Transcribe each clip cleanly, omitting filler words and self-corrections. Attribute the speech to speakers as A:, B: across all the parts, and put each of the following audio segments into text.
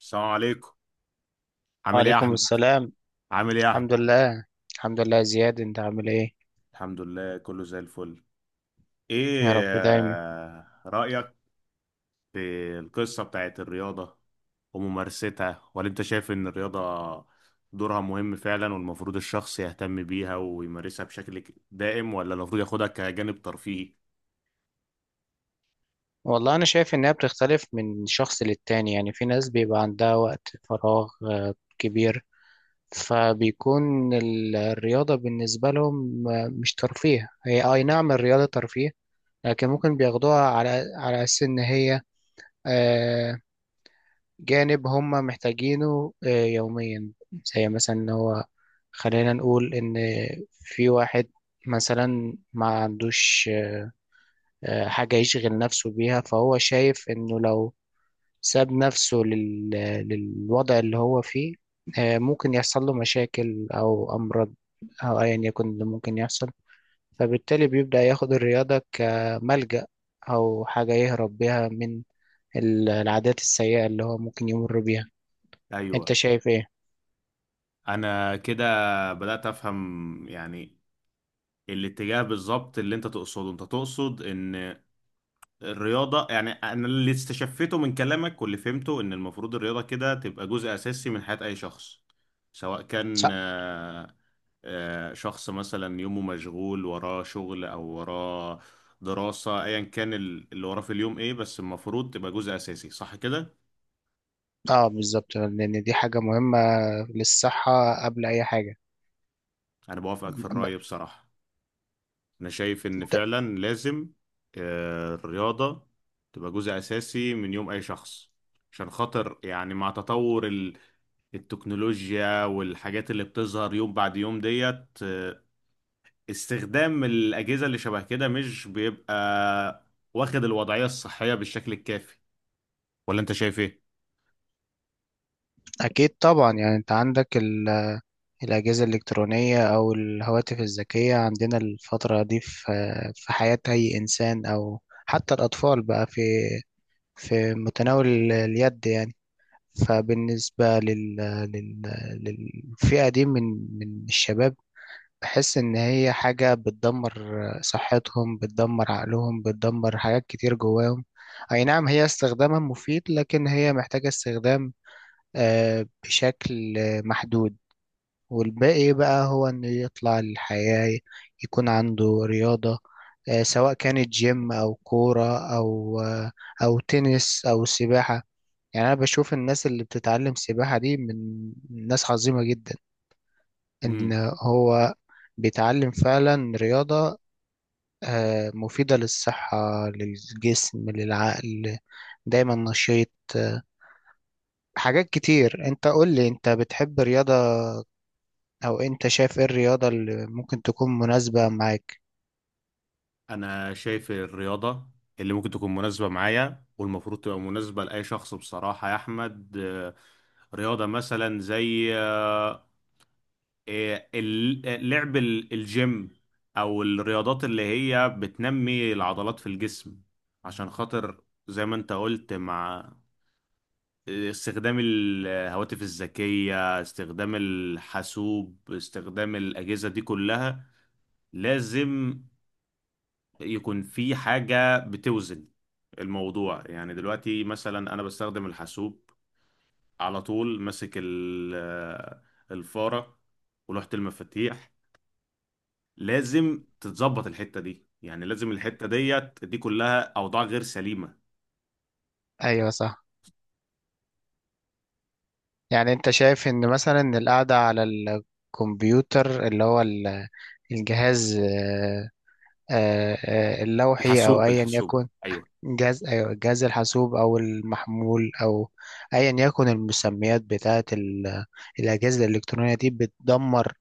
A: السلام عليكم. عامل ايه يا
B: وعليكم
A: احمد؟
B: السلام.
A: عامل ايه يا
B: الحمد
A: احمد؟
B: لله. الحمد لله يا زياد، انت عامل ايه؟
A: الحمد لله كله زي الفل.
B: يا
A: ايه
B: رب دايما.
A: رأيك في القصة بتاعت الرياضة وممارستها، ولا انت شايف ان الرياضة دورها مهم فعلا والمفروض الشخص يهتم بيها ويمارسها بشكل دائم، ولا المفروض ياخدها كجانب ترفيهي؟
B: والله انا شايف انها بتختلف من شخص للتاني، يعني في ناس بيبقى عندها وقت فراغ كبير، فبيكون الرياضة بالنسبة لهم مش ترفيه. هي اي نعم الرياضة ترفيه، لكن ممكن بياخدوها على اساس ان هي آه، جانب هم محتاجينه يوميا. زي مثلا ان هو، خلينا نقول ان في واحد مثلا ما عندوش حاجة يشغل نفسه بيها، فهو شايف انه لو ساب نفسه للوضع اللي هو فيه ممكن يحصل له مشاكل او امراض، او ايا يكن اللي ممكن يحصل. فبالتالي بيبدأ ياخد الرياضة كملجأ، او حاجة يهرب بيها من العادات السيئة اللي هو ممكن يمر بيها.
A: ايوه.
B: انت شايف ايه؟
A: انا كده بدأت افهم يعني الاتجاه بالظبط اللي انت تقصده. انت تقصد ان الرياضة، يعني أنا اللي استشفيته من كلامك واللي فهمته، إن المفروض الرياضة كده تبقى جزء أساسي من حياة أي شخص، سواء كان
B: صح.
A: شخص مثلا يومه مشغول وراه شغل أو وراه دراسة، أيا كان اللي وراه في اليوم إيه، بس المفروض تبقى جزء أساسي، صح كده؟
B: اه بالظبط، لان دي حاجه مهمه للصحه قبل اي حاجه.
A: أنا بوافقك في
B: ب-
A: الرأي بصراحة. أنا شايف إن
B: ت-
A: فعلا لازم الرياضة تبقى جزء أساسي من يوم أي شخص، عشان خاطر يعني مع تطور التكنولوجيا والحاجات اللي بتظهر يوم بعد يوم ديت، استخدام الأجهزة اللي شبه كده مش بيبقى واخد الوضعية الصحية بالشكل الكافي، ولا أنت شايف إيه؟
B: اكيد طبعا، يعني انت عندك الاجهزه الالكترونيه او الهواتف الذكيه، عندنا الفتره دي في حياه اي انسان، او حتى الاطفال بقى في متناول اليد يعني. فبالنسبه لل... للفئه دي من الشباب، بحس إن هي حاجة بتدمر صحتهم، بتدمر عقلهم، بتدمر حاجات كتير جواهم. أي نعم هي استخدامها مفيد، لكن هي محتاجة استخدام بشكل محدود. والباقي بقى هو إنه يطلع الحياة، يكون عنده رياضة سواء كانت جيم أو كورة أو تنس أو سباحة. يعني أنا بشوف الناس اللي بتتعلم سباحة دي من ناس عظيمة جدا، إن
A: مم.
B: هو بيتعلم فعلا رياضة مفيدة للصحة، للجسم، للعقل، دايما نشيط آه، حاجات كتير. انت قول لي، انت بتحب رياضة؟ او انت شايف ايه الرياضة اللي ممكن تكون مناسبة معاك؟
A: أنا شايف الرياضة اللي ممكن تكون مناسبة معايا والمفروض تبقى مناسبة لأي شخص بصراحة يا أحمد، رياضة مثلا زي لعب الجيم، او الرياضات اللي هي بتنمي العضلات في الجسم، عشان خاطر زي ما انت قلت، مع استخدام الهواتف الذكية، استخدام الحاسوب، استخدام الأجهزة دي كلها، لازم يكون في حاجة بتوزن الموضوع. يعني دلوقتي مثلا أنا بستخدم الحاسوب على طول ماسك الفارة ولوحة المفاتيح. لازم تتظبط الحتة دي، يعني لازم الحتة ديت، دي كلها أوضاع غير سليمة.
B: ايوه صح. يعني انت شايف ان مثلا القعدة على الكمبيوتر، اللي هو الجهاز، آه، اللوحي او
A: الحاسوب،
B: ايا
A: الحاسوب
B: يكن،
A: أيوه.
B: جهاز، أيوة جهاز الحاسوب أو المحمول، أو أيا يكن المسميات بتاعة الأجهزة الإلكترونية دي، بتدمر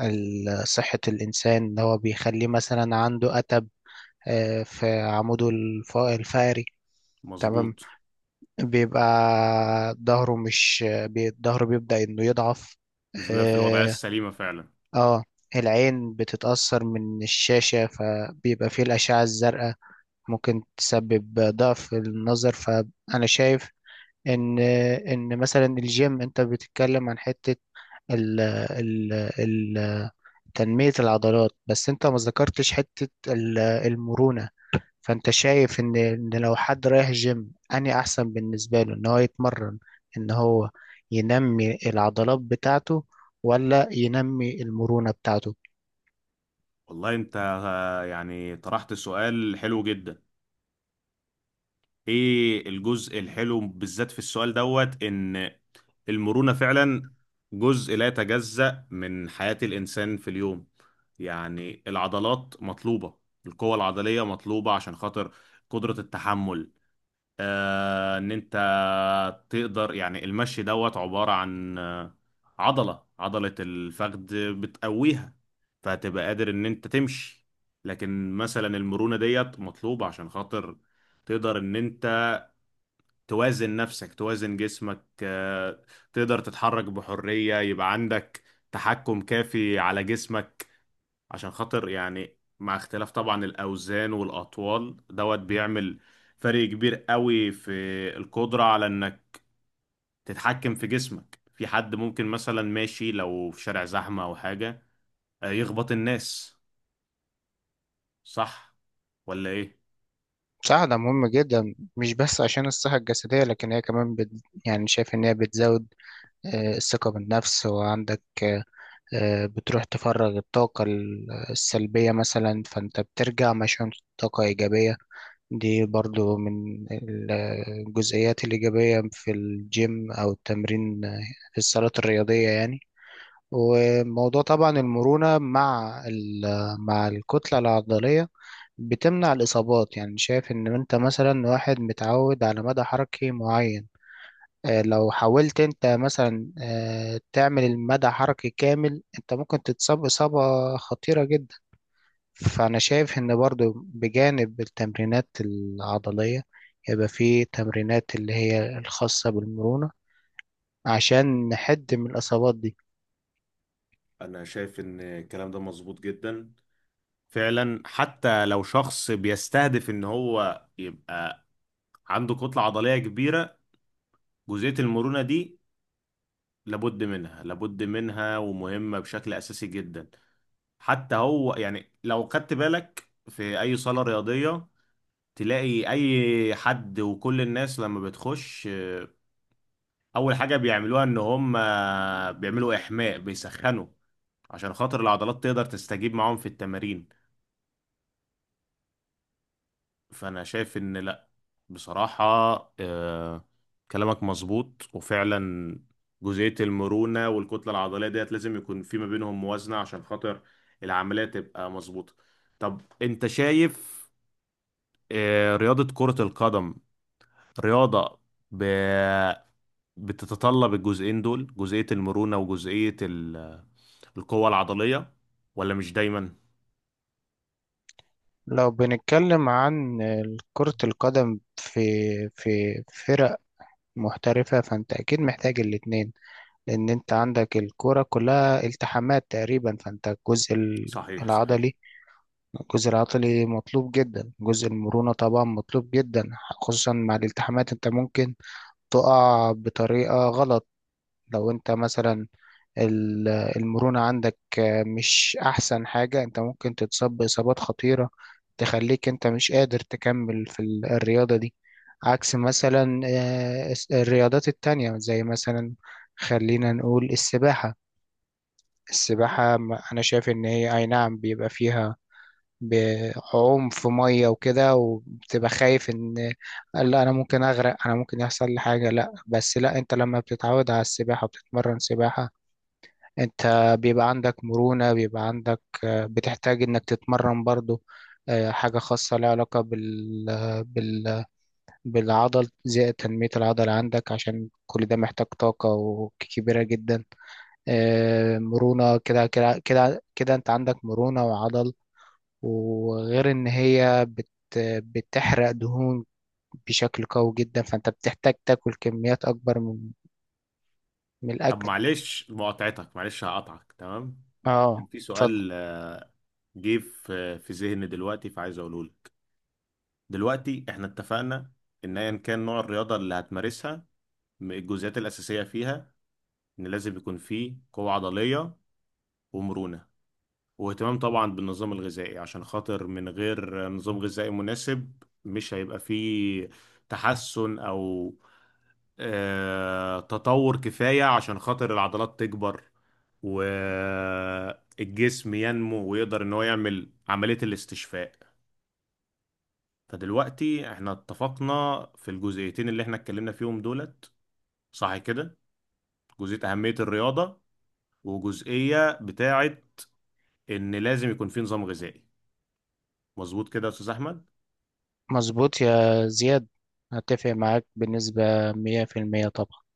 B: صحة الإنسان. إن هو بيخليه مثلا عنده أتب في عموده الفقري. تمام،
A: مظبوط.
B: بيبقى ظهره مش بي- ظهره بيبدأ إنه يضعف.
A: مش بيبقى في الوضعية
B: اه.
A: السليمة فعلا.
B: آه، العين بتتأثر من الشاشة، فبيبقى فيه الأشعة الزرقاء ممكن تسبب ضعف النظر. ف انا شايف ان مثلا الجيم، انت بتتكلم عن حتة ال ال ال تنمية العضلات، بس انت ما ذكرتش حتة المرونة. فانت شايف ان لو حد رايح جيم، اني احسن بالنسبة له ان هو يتمرن، ان هو ينمي العضلات بتاعته، ولا ينمي المرونة بتاعته؟
A: والله أنت يعني طرحت سؤال حلو جدا. إيه الجزء الحلو بالذات في السؤال دوت؟ إن المرونة فعلا جزء لا يتجزأ من حياة الإنسان في اليوم. يعني العضلات مطلوبة، القوة العضلية مطلوبة، عشان خاطر قدرة التحمل، ان انت تقدر، يعني المشي دوت عبارة عن عضلة الفخذ بتقويها، فهتبقى قادر ان انت تمشي. لكن مثلا المرونة ديت مطلوبة عشان خاطر تقدر ان انت توازن نفسك، توازن جسمك، تقدر تتحرك بحرية، يبقى عندك تحكم كافي على جسمك، عشان خاطر يعني مع اختلاف طبعا الأوزان والأطوال دوت، بيعمل فرق كبير قوي في القدرة على إنك تتحكم في جسمك. في حد ممكن مثلا ماشي، لو في شارع زحمة أو حاجة، يخبط الناس. صح ولا إيه؟
B: بصراحة ده مهم جدا، مش بس عشان الصحة الجسدية، لكن هي كمان يعني شايف إن هي بتزود الثقة بالنفس، وعندك بتروح تفرغ الطاقة السلبية مثلا، فأنت بترجع مشحون طاقة إيجابية. دي برضو من الجزئيات الإيجابية في الجيم أو التمرين في الصالات الرياضية يعني. وموضوع طبعا المرونة مع مع الكتلة العضلية بتمنع الإصابات، يعني شايف إن أنت مثلا واحد متعود على مدى حركي معين، لو حاولت انت مثلا تعمل المدى حركي كامل، انت ممكن تتصاب إصابة خطيرة جدا. فأنا شايف إن برضو بجانب التمرينات العضلية يبقى في تمرينات اللي هي الخاصة بالمرونة، عشان نحد من الإصابات دي.
A: أنا شايف إن الكلام ده مظبوط جدا فعلا. حتى لو شخص بيستهدف إن هو يبقى عنده كتلة عضلية كبيرة، جزئية المرونة دي لابد منها، لابد منها، ومهمة بشكل أساسي جدا. حتى هو يعني لو خدت بالك في اي صالة رياضية، تلاقي اي حد وكل الناس لما بتخش، اول حاجة بيعملوها ان هم بيعملوا احماء، بيسخنوا، عشان خاطر العضلات تقدر تستجيب معاهم في التمارين. فانا شايف ان لا، بصراحة، آه، كلامك مظبوط، وفعلا جزئية المرونة والكتلة العضلية ديت لازم يكون في ما بينهم موازنة عشان خاطر العملية تبقى مظبوطة. طب انت شايف رياضة كرة القدم، رياضة ب... بتتطلب الجزئين دول، جزئية المرونة وجزئية القوة العضلية، ولا مش دايما؟
B: لو بنتكلم عن كرة القدم في فرق محترفة، فأنت أكيد محتاج الاتنين، لأن أنت عندك الكرة كلها التحامات تقريبا. فأنت
A: صحيح، صحيح.
B: العضلي الجزء العضلي مطلوب جدا، جزء المرونة طبعا مطلوب جدا، خصوصا مع الالتحامات. انت ممكن تقع بطريقة غلط لو انت مثلا المرونة عندك مش احسن حاجة، انت ممكن تتصاب بإصابات خطيرة تخليك انت مش قادر تكمل في الرياضة دي. عكس مثلا الرياضات التانية، زي مثلا خلينا نقول السباحة. السباحة أنا شايف إن هي أي نعم بيبقى فيها بعوم في ميه وكده، وبتبقى خايف ان لا انا ممكن اغرق، انا ممكن يحصل لي حاجه. لا بس لا، انت لما بتتعود على السباحه وبتتمرن سباحه، انت بيبقى عندك مرونه، بيبقى عندك بتحتاج انك تتمرن برضو حاجه خاصه لها علاقه بال بالعضل، زي تنميه العضل عندك، عشان كل ده محتاج طاقه وكبيره جدا مرونه. كده كده كده كده انت عندك مرونه وعضل، وغير ان هي بتحرق دهون بشكل قوي جدا، فانت بتحتاج تاكل كميات اكبر من
A: طب
B: الاكل.
A: معلش مقاطعتك، معلش هقطعك، تمام؟ كان
B: اه
A: في
B: اتفضل.
A: سؤال جه في ذهني دلوقتي فعايز اقوله لك. دلوقتي احنا اتفقنا ان ايا كان نوع الرياضة اللي هتمارسها، الجزئيات الأساسية فيها ان لازم يكون فيه قوة عضلية ومرونة، واهتمام طبعا بالنظام الغذائي، عشان خاطر من غير نظام غذائي مناسب مش هيبقى فيه تحسن او تطور كفاية عشان خاطر العضلات تكبر والجسم ينمو ويقدر ان هو يعمل عملية الاستشفاء. فدلوقتي احنا اتفقنا في الجزئيتين اللي احنا اتكلمنا فيهم دولت، صح كده؟ جزئية أهمية الرياضة، وجزئية بتاعة ان لازم يكون في نظام غذائي، مظبوط كده يا استاذ احمد؟
B: مظبوط يا زياد، هتفق معاك بنسبة 100% طبعا.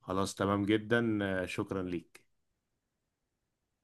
A: خلاص، تمام جدا. شكرا ليك.